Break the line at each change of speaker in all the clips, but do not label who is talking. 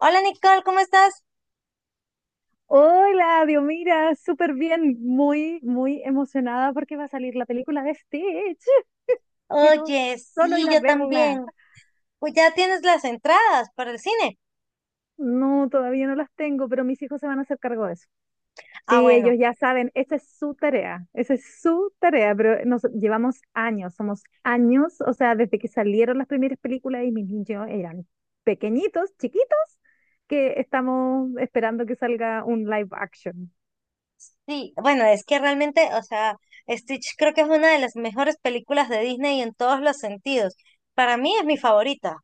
Hola Nicole, ¿cómo estás?
Hola, Dios, mira, súper bien, muy emocionada porque va a salir la película de Stitch. Quiero
Oye,
solo
sí,
ir a
yo
verla.
también. Pues ya tienes las entradas para el cine.
No, todavía no las tengo, pero mis hijos se van a hacer cargo de eso.
Ah,
Sí,
bueno,
ellos ya saben, esa es su tarea, pero nos llevamos años, somos años, o sea, desde que salieron las primeras películas y mis niños eran pequeñitos, chiquitos, que estamos esperando que salga un live action.
sí, bueno, es que realmente, o sea, Stitch creo que es una de las mejores películas de Disney en todos los sentidos. Para mí es mi favorita.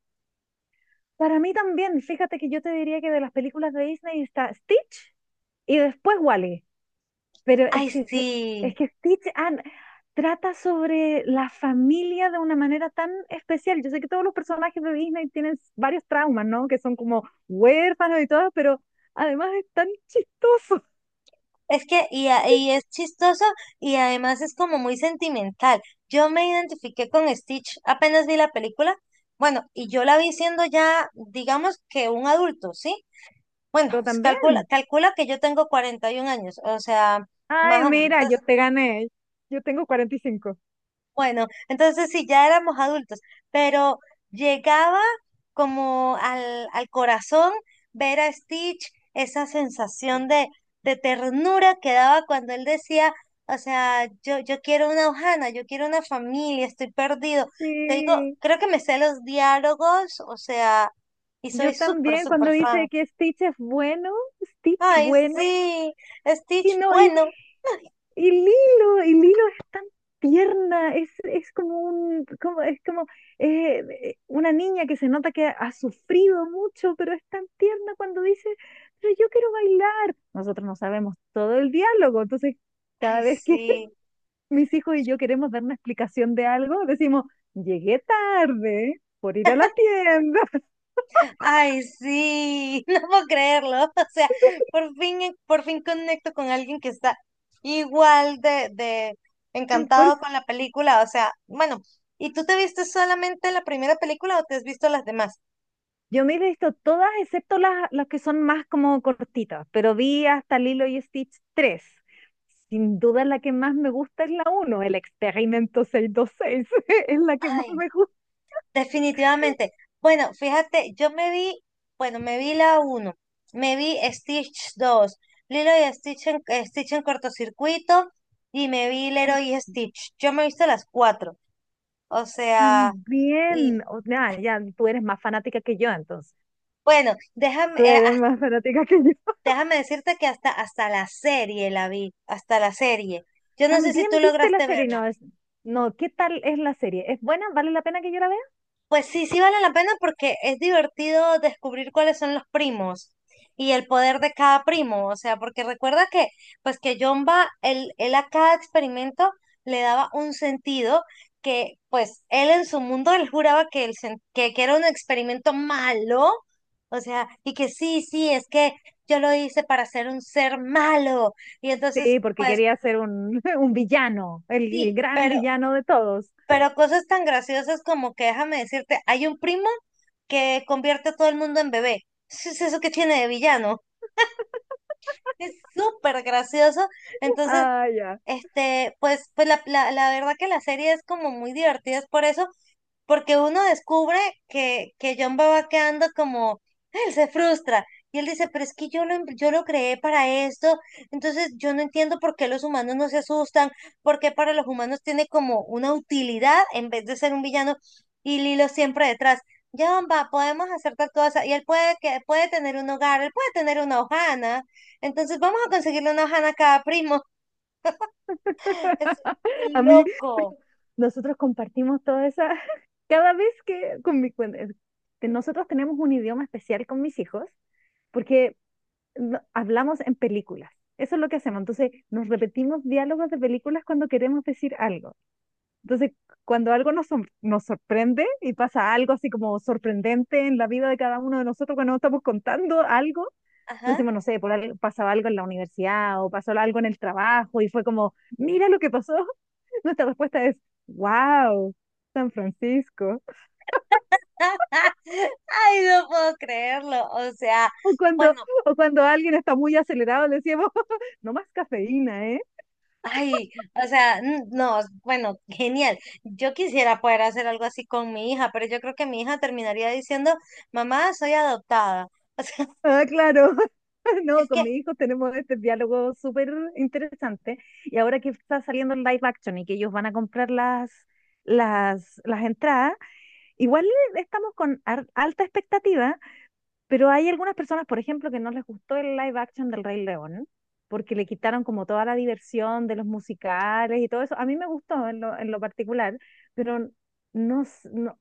Para mí también, fíjate que yo te diría que de las películas de Disney está Stitch y después Wally. Pero
Ay,
es que,
sí.
es que Stitch trata sobre la familia de una manera tan especial. Yo sé que todos los personajes de Disney tienen varios traumas, ¿no? Que son como huérfanos y todo, pero además es tan chistoso.
Es que, y es chistoso y además es como muy sentimental. Yo me identifiqué con Stitch apenas vi la película. Bueno, y yo la vi siendo ya, digamos que un adulto, ¿sí? Bueno,
Yo también.
calcula, calcula que yo tengo 41 años, o sea,
Ay,
más o menos,
mira, yo te gané. Yo tengo 45.
bueno, entonces sí, ya éramos adultos, pero llegaba como al corazón ver a Stitch, esa sensación de ternura que daba cuando él decía, o sea, yo quiero una Ohana, yo quiero una familia, estoy perdido. Te digo,
Sí,
creo que me sé los diálogos, o sea, y soy
yo
súper,
también. Cuando
súper fan.
dice que Stitch es bueno, Stitch
Ay,
bueno.
sí.
Y
Stitch,
no, y
bueno,
y Lilo es tan tierna, es como un, como, es como una niña que se nota que ha sufrido mucho, pero es tan tierna cuando dice, pero yo quiero bailar. Nosotros no sabemos todo el diálogo, entonces
ay,
cada vez que
sí,
mis hijos y yo queremos dar una explicación de algo, decimos, llegué tarde por ir a la tienda.
ay, sí, no puedo creerlo. O sea, por fin conecto con alguien que está igual de
Por
encantado con la película. O sea, bueno, ¿y tú te viste solamente la primera película o te has visto las demás?
Yo me he visto todas, excepto las que son más como cortitas, pero vi hasta Lilo y Stitch tres. Sin duda la que más me gusta es la uno, el experimento 626, es la que más
Ay,
me gusta.
definitivamente. Bueno, fíjate, yo me vi, bueno, me vi la uno, me vi Stitch dos, Lilo y Stitch en, Stitch en cortocircuito y me vi
Ay,
Leroy y Stitch. Yo me he visto las cuatro. O sea, y
también, o sea, ya, tú eres más fanática que yo, entonces.
bueno, déjame,
Tú eres más fanática que yo.
déjame decirte que hasta, hasta la serie la vi, hasta la serie. Yo no sé si
También
tú
viste la
lograste
serie,
verla.
no, ¿qué tal es la serie? ¿Es buena? ¿Vale la pena que yo la vea?
Pues sí, sí vale la pena porque es divertido descubrir cuáles son los primos y el poder de cada primo. O sea, porque recuerda que, pues que Jomba, él a cada experimento le daba un sentido que, pues, él en su mundo, él juraba que, que era un experimento malo. O sea, y que sí, sí, es que yo lo hice para ser un ser malo. Y
Sí,
entonces,
porque
pues,
quería ser un, un villano, el
sí,
gran villano de todos.
pero cosas tan graciosas como que déjame decirte, hay un primo que convierte a todo el mundo en bebé. Eso es eso que tiene de villano. Es súper gracioso. Entonces,
Ah, ya.
este, pues, pues la verdad que la serie es como muy divertida, es por eso, porque uno descubre que John va quedando como, él se frustra. Y él dice, pero es que yo lo creé para esto, entonces yo no entiendo por qué los humanos no se asustan, por qué para los humanos tiene como una utilidad en vez de ser un villano y Lilo siempre detrás. John va, podemos hacer tal cosa, y él puede, que, puede tener un hogar, él puede tener una hojana, entonces vamos a conseguirle una hojana a cada primo. Es muy
A mí,
loco.
nosotros compartimos toda esa, cada vez que con mi, con- nosotros tenemos un idioma especial con mis hijos, porque hablamos en películas. Eso es lo que hacemos. Entonces, nos repetimos diálogos de películas cuando queremos decir algo. Entonces, cuando algo nos sorprende y pasa algo así como sorprendente en la vida de cada uno de nosotros cuando estamos contando algo,
Ajá.
decimos, no sé, por algo, pasaba algo en la universidad o pasó algo en el trabajo y fue como, mira lo que pasó. Nuestra respuesta es, wow, San Francisco.
Ay, no puedo creerlo. O sea,
O cuando,
bueno,
o cuando alguien está muy acelerado, le decimos, no más cafeína, ¿eh?
ay, o sea, n- no, bueno, genial. Yo quisiera poder hacer algo así con mi hija, pero yo creo que mi hija terminaría diciendo, mamá, soy adoptada. O sea,
Ah, claro. No,
es
con
que,
mis hijos tenemos este diálogo súper interesante. Y ahora que está saliendo el live action y que ellos van a comprar las entradas, igual estamos con alta expectativa. Pero hay algunas personas, por ejemplo, que no les gustó el live action del Rey León, porque le quitaron como toda la diversión de los musicales y todo eso. A mí me gustó en lo particular, pero no, s- no,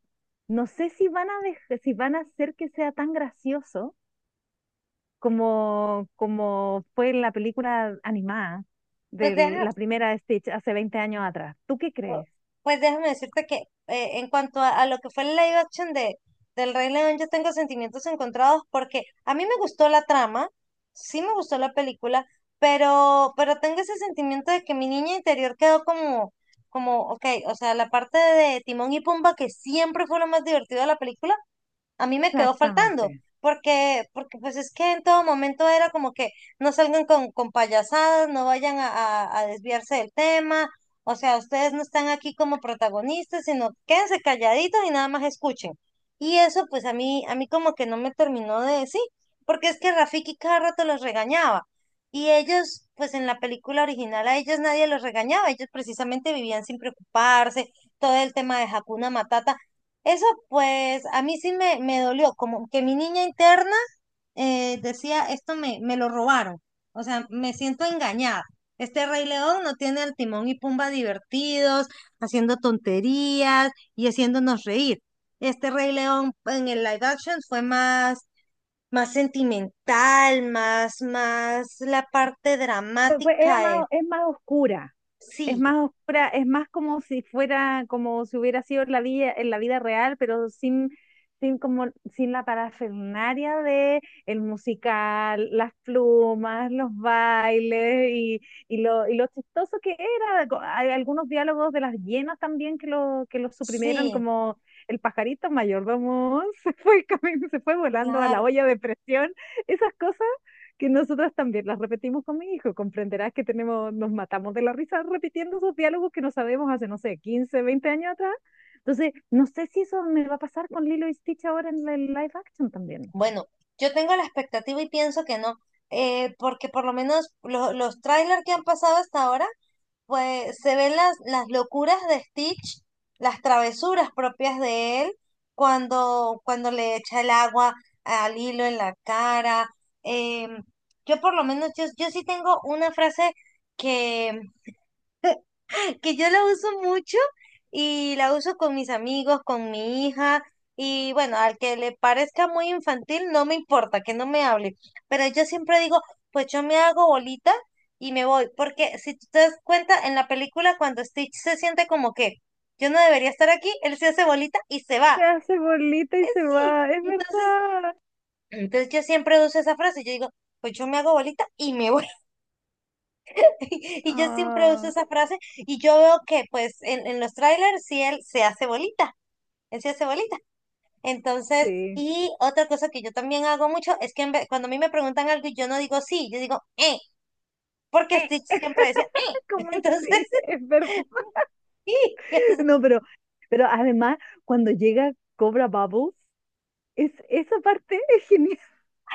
no sé si van a si van a hacer que sea tan gracioso como fue en la película animada
pues
de
deja.
la primera de Stitch hace 20 años atrás. ¿Tú qué
Pu-
crees?
Pues déjame decirte que en cuanto a lo que fue el live action de, del Rey León, yo tengo sentimientos encontrados porque a mí me gustó la trama, sí me gustó la película, pero tengo ese sentimiento de que mi niña interior quedó como, como, ok, o sea, la parte de Timón y Pumba que siempre fue lo más divertido de la película a mí me quedó faltando,
Exactamente.
porque, porque pues es que en todo momento era como que no salgan con payasadas, no vayan a desviarse del tema, o sea, ustedes no están aquí como protagonistas, sino quédense calladitos y nada más escuchen. Y eso pues a mí como que no me terminó de decir, porque es que Rafiki cada rato los regañaba. Y ellos, pues en la película original a ellos nadie los regañaba, ellos precisamente vivían sin preocuparse, todo el tema de Hakuna Matata. Eso pues a mí sí me dolió, como que mi niña interna decía, esto me, me lo robaron, o sea, me siento engañada. Este Rey León no tiene al Timón y Pumba divertidos, haciendo tonterías y haciéndonos reír. Este Rey León en el live action fue más, más sentimental, más, más la parte dramática. De-
Es más oscura. Es
Sí,
más oscura, es más como si fuera, como si hubiera sido en la vida real, pero sin como, sin la parafernalia de el musical, las plumas, los bailes y lo chistoso que era. Hay algunos diálogos de las hienas también que lo suprimieron,
sí,
como el pajarito mayordomo se fue, se fue volando a la
claro.
olla de presión, esas cosas que nosotras también las repetimos con mi hijo. Comprenderás que tenemos, nos matamos de la risa repitiendo esos diálogos que no sabemos hace, no sé, 15 20 años atrás. Entonces, no sé si eso me va a pasar con Lilo y Stitch ahora en el live action también.
Bueno, yo tengo la expectativa y pienso que no, porque por lo menos lo- los trailers que han pasado hasta ahora, pues se ven las locuras de Stitch, las travesuras propias de él, cuando, cuando le echa el agua al hilo en la cara. em, yo por lo menos, yo sí tengo una frase que yo la uso mucho y la uso con mis amigos, con mi hija. Y bueno, al que le parezca muy infantil, no me importa, que no me hable. Pero yo siempre digo, pues yo me hago bolita y me voy. Porque si tú te das cuenta, en la película cuando Stitch se siente como que yo no debería estar aquí, él se hace bolita y se va.
Se hace bolita
Eh,
y se
Sí.
va, es
Entonces,
verdad.
entonces yo siempre uso esa frase. Yo digo, pues yo me hago bolita y me voy. Y yo siempre uso
Ah,
esa frase y yo veo que pues en los trailers sí él se hace bolita, él se hace bolita. Entonces,
sí.
y otra cosa que yo también hago mucho es que cuando a mí me preguntan algo y yo no digo sí, yo digo porque
Eh,
Stitch siempre decía.
¿Cómo
Entonces,
así? Es verdad.
sí, entonces,
No, pero además, cuando llega Cobra Bubbles, esa parte es genial.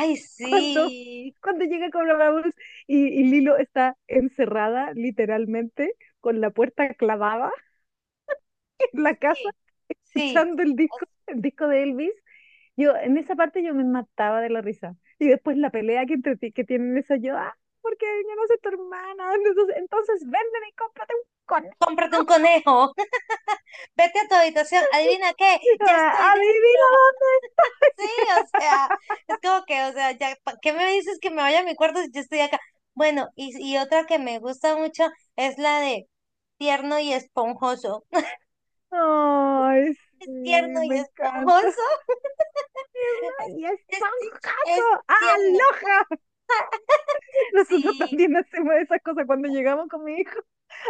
ay,
cuando,
sí,
cuando llega Cobra Vamos y Lilo está encerrada literalmente con la puerta clavada en la casa,
sí, sí.
escuchando el disco de Elvis. Yo, en esa parte yo me mataba de la risa. Y después la pelea que, entre, ti que tienen eso, yo, ah, porque yo no soy tu hermana. Entonces véndeme y cómprate un conejo.
Cómprate un conejo, vete a tu habitación, adivina qué, ya
Ah,
estoy dentro.
adivina.
Sí, o sea, es como que, o sea, ya, ¿pa' qué me dices que me vaya a mi cuarto si yo estoy acá? Bueno, y otra que me gusta mucho es la de tierno y esponjoso.
Ay,
Es
sí,
tierno y
me encanta.
esponjoso,
No, y
es, es, es
esponjoso.
tierno.
¡Aloja! Nosotros
Sí,
también hacemos esas cosas cuando llegamos con mi hijo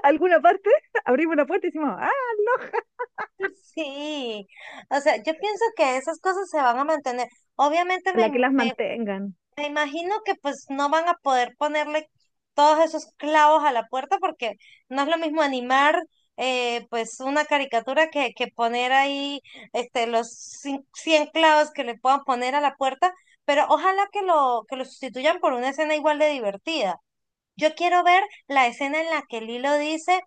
a alguna parte, abrimos la puerta y decimos, ah,
sí. O sea, yo pienso que esas cosas se van a mantener. Obviamente me,
la que
im-
las
me
mantengan.
Me imagino que pues no van a poder ponerle todos esos clavos a la puerta porque no es lo mismo animar pues una caricatura que poner ahí este 100 clavos que le puedan poner a la puerta, pero ojalá que lo sustituyan por una escena igual de divertida. Yo quiero ver la escena en la que Lilo dice,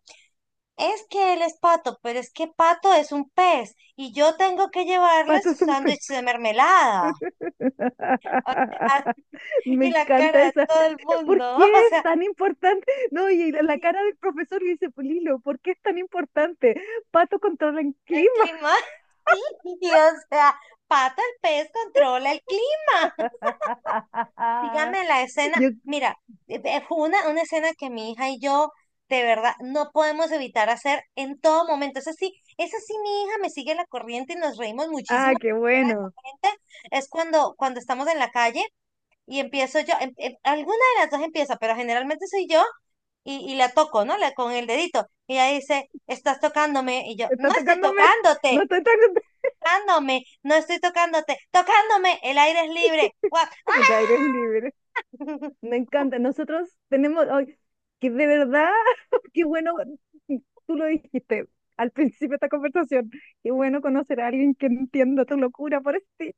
es que él es pato, pero es que pato es un pez y yo tengo que llevarle su
Patos un pez.
sándwich de mermelada.
Me
Y la
encanta
cara de
esa.
todo el
¿Por
mundo,
qué
o
es
sea,
tan importante? No, y la cara del profesor le dice, Pulilo, ¿por qué es tan importante? Pato controla el
el
clima.
clima, sí, o sea, pato el pez controla el clima. Dígame la escena,
Yo,
mira, fue una escena que mi hija y yo, de verdad, no podemos evitar hacer en todo momento. Eso sí, mi hija me sigue la corriente y nos reímos muchísimo
ah,
con
qué
la cara de
bueno.
la gente. Es cuando, cuando estamos en la calle y empiezo yo, alguna de las dos empieza, pero generalmente soy yo y la toco, ¿no? La, con el dedito. Y ella dice, estás tocándome. Y yo,
Está
no estoy
atacándome. No
tocándote,
está atacando
tocándome, no estoy tocándote, tocándome, el aire es libre. Guau.
el aire es libre. Me encanta. Nosotros tenemos, ay, que de verdad, qué bueno, tú lo dijiste al principio de esta conversación, qué bueno conocer a alguien que entienda tu locura por ti.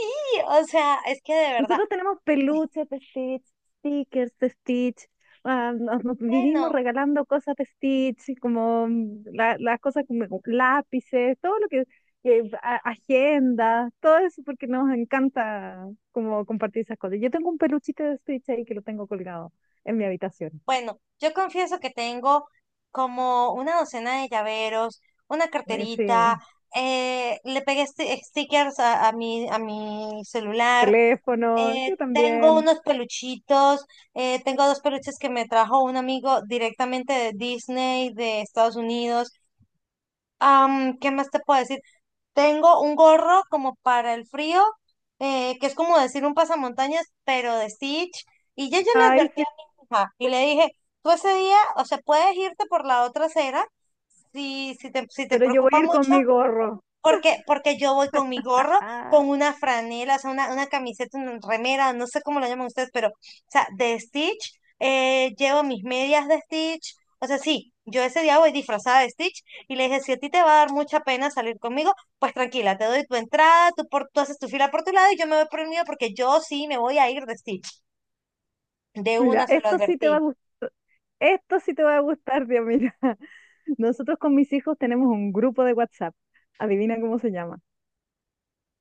Sí, o sea, es que de verdad,
Nosotros tenemos peluches de Stitch, stickers de Stitch, ah, nos vivimos
bueno,
regalando cosas de Stitch, como mm, las cosas como lápices, todo lo que agenda, todo eso porque nos encanta como compartir esas cosas. Yo tengo un peluchito de Stitch ahí que lo tengo colgado en mi habitación.
bueno, yo confieso que tengo como una docena de llaveros, una
Ay,
carterita,
sí,
stickers a mi celular.
teléfono, yo
Tengo
también.
unos peluchitos, tengo dos peluches que me trajo un amigo directamente de Disney, de Estados Unidos. Am, ¿qué más te puedo decir? Tengo un gorro como para el frío, que es como decir un pasamontañas, pero de Stitch. Y yo ya le
Ay,
advertí a
sí,
mi hija y le dije, tú ese día, o sea, puedes irte por la otra acera si, si te, si te
pero yo voy
preocupa
a ir
mucho,
con mi gorro.
porque, porque yo voy con mi gorro,
Ah,
con una franela, o sea, una camiseta, una remera, no sé cómo lo llaman ustedes, pero, o sea, de Stitch, llevo mis medias de Stitch, o sea, sí, yo ese día voy disfrazada de Stitch y le dije, si a ti te va a dar mucha pena salir conmigo, pues tranquila, te doy tu entrada, tú, por, tú haces tu fila por tu lado y yo me voy por el mío porque yo sí me voy a ir de Stitch. De
mira,
una se lo
esto sí te va a
advertí.
gustar, esto sí te va a gustar, Dios mío. Nosotros con mis hijos tenemos un grupo de WhatsApp. Adivina cómo se llama.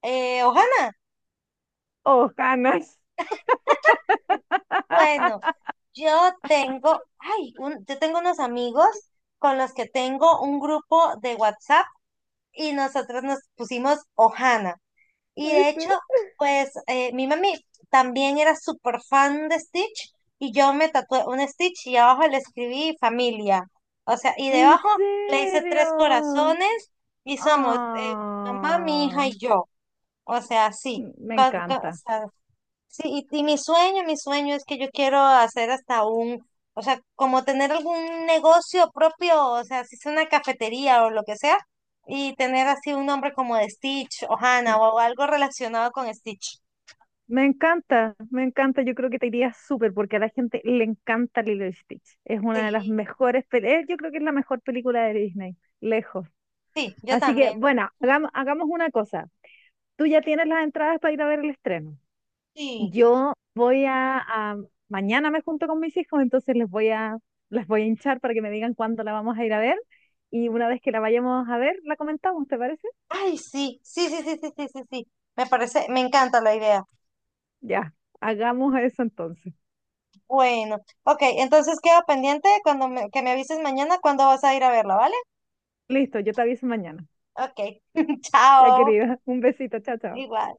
Ohana,
Ojanas.
bueno, yo tengo, ay, yo tengo unos amigos con los que tengo un grupo de WhatsApp y nosotros nos pusimos Ohana. Y de
¿Viste?
hecho, pues mi mami también era súper fan de Stitch y yo me tatué un Stitch y abajo le escribí familia. O sea, y
¿En
debajo le hice tres
serio?
corazones y somos mamá, mi hija
Ah,
y yo. O sea, sí.
me
Con- o
encanta.
sea, sí, y mi sueño es que yo quiero hacer hasta un, o sea, como tener algún negocio propio, o sea, si es una cafetería o lo que sea, y tener así un nombre como de Stitch o Hannah o algo relacionado con Stitch.
Me encanta. Yo creo que te iría súper porque a la gente le encanta Lilo y Stitch. Es una de las
Sí,
mejores, yo creo que es la mejor película de Disney, lejos.
sí, yo
Así que,
también.
bueno, hagamos una cosa. Tú ya tienes las entradas para ir a ver el estreno.
Sí.
Yo voy mañana me junto con mis hijos, entonces les voy a hinchar para que me digan cuándo la vamos a ir a ver y una vez que la vayamos a ver, la comentamos, ¿te parece?
Ay, sí, sí, sí, sí, sí, sí, sí, sí. Me parece, me encanta la idea.
Ya, hagamos eso entonces.
Bueno, ok, entonces queda pendiente cuando que me avises mañana cuándo vas a ir a verla, ¿vale?
Listo, yo te aviso mañana.
Ok,
Ya
chao,
querida, un besito, chao, chao.
igual.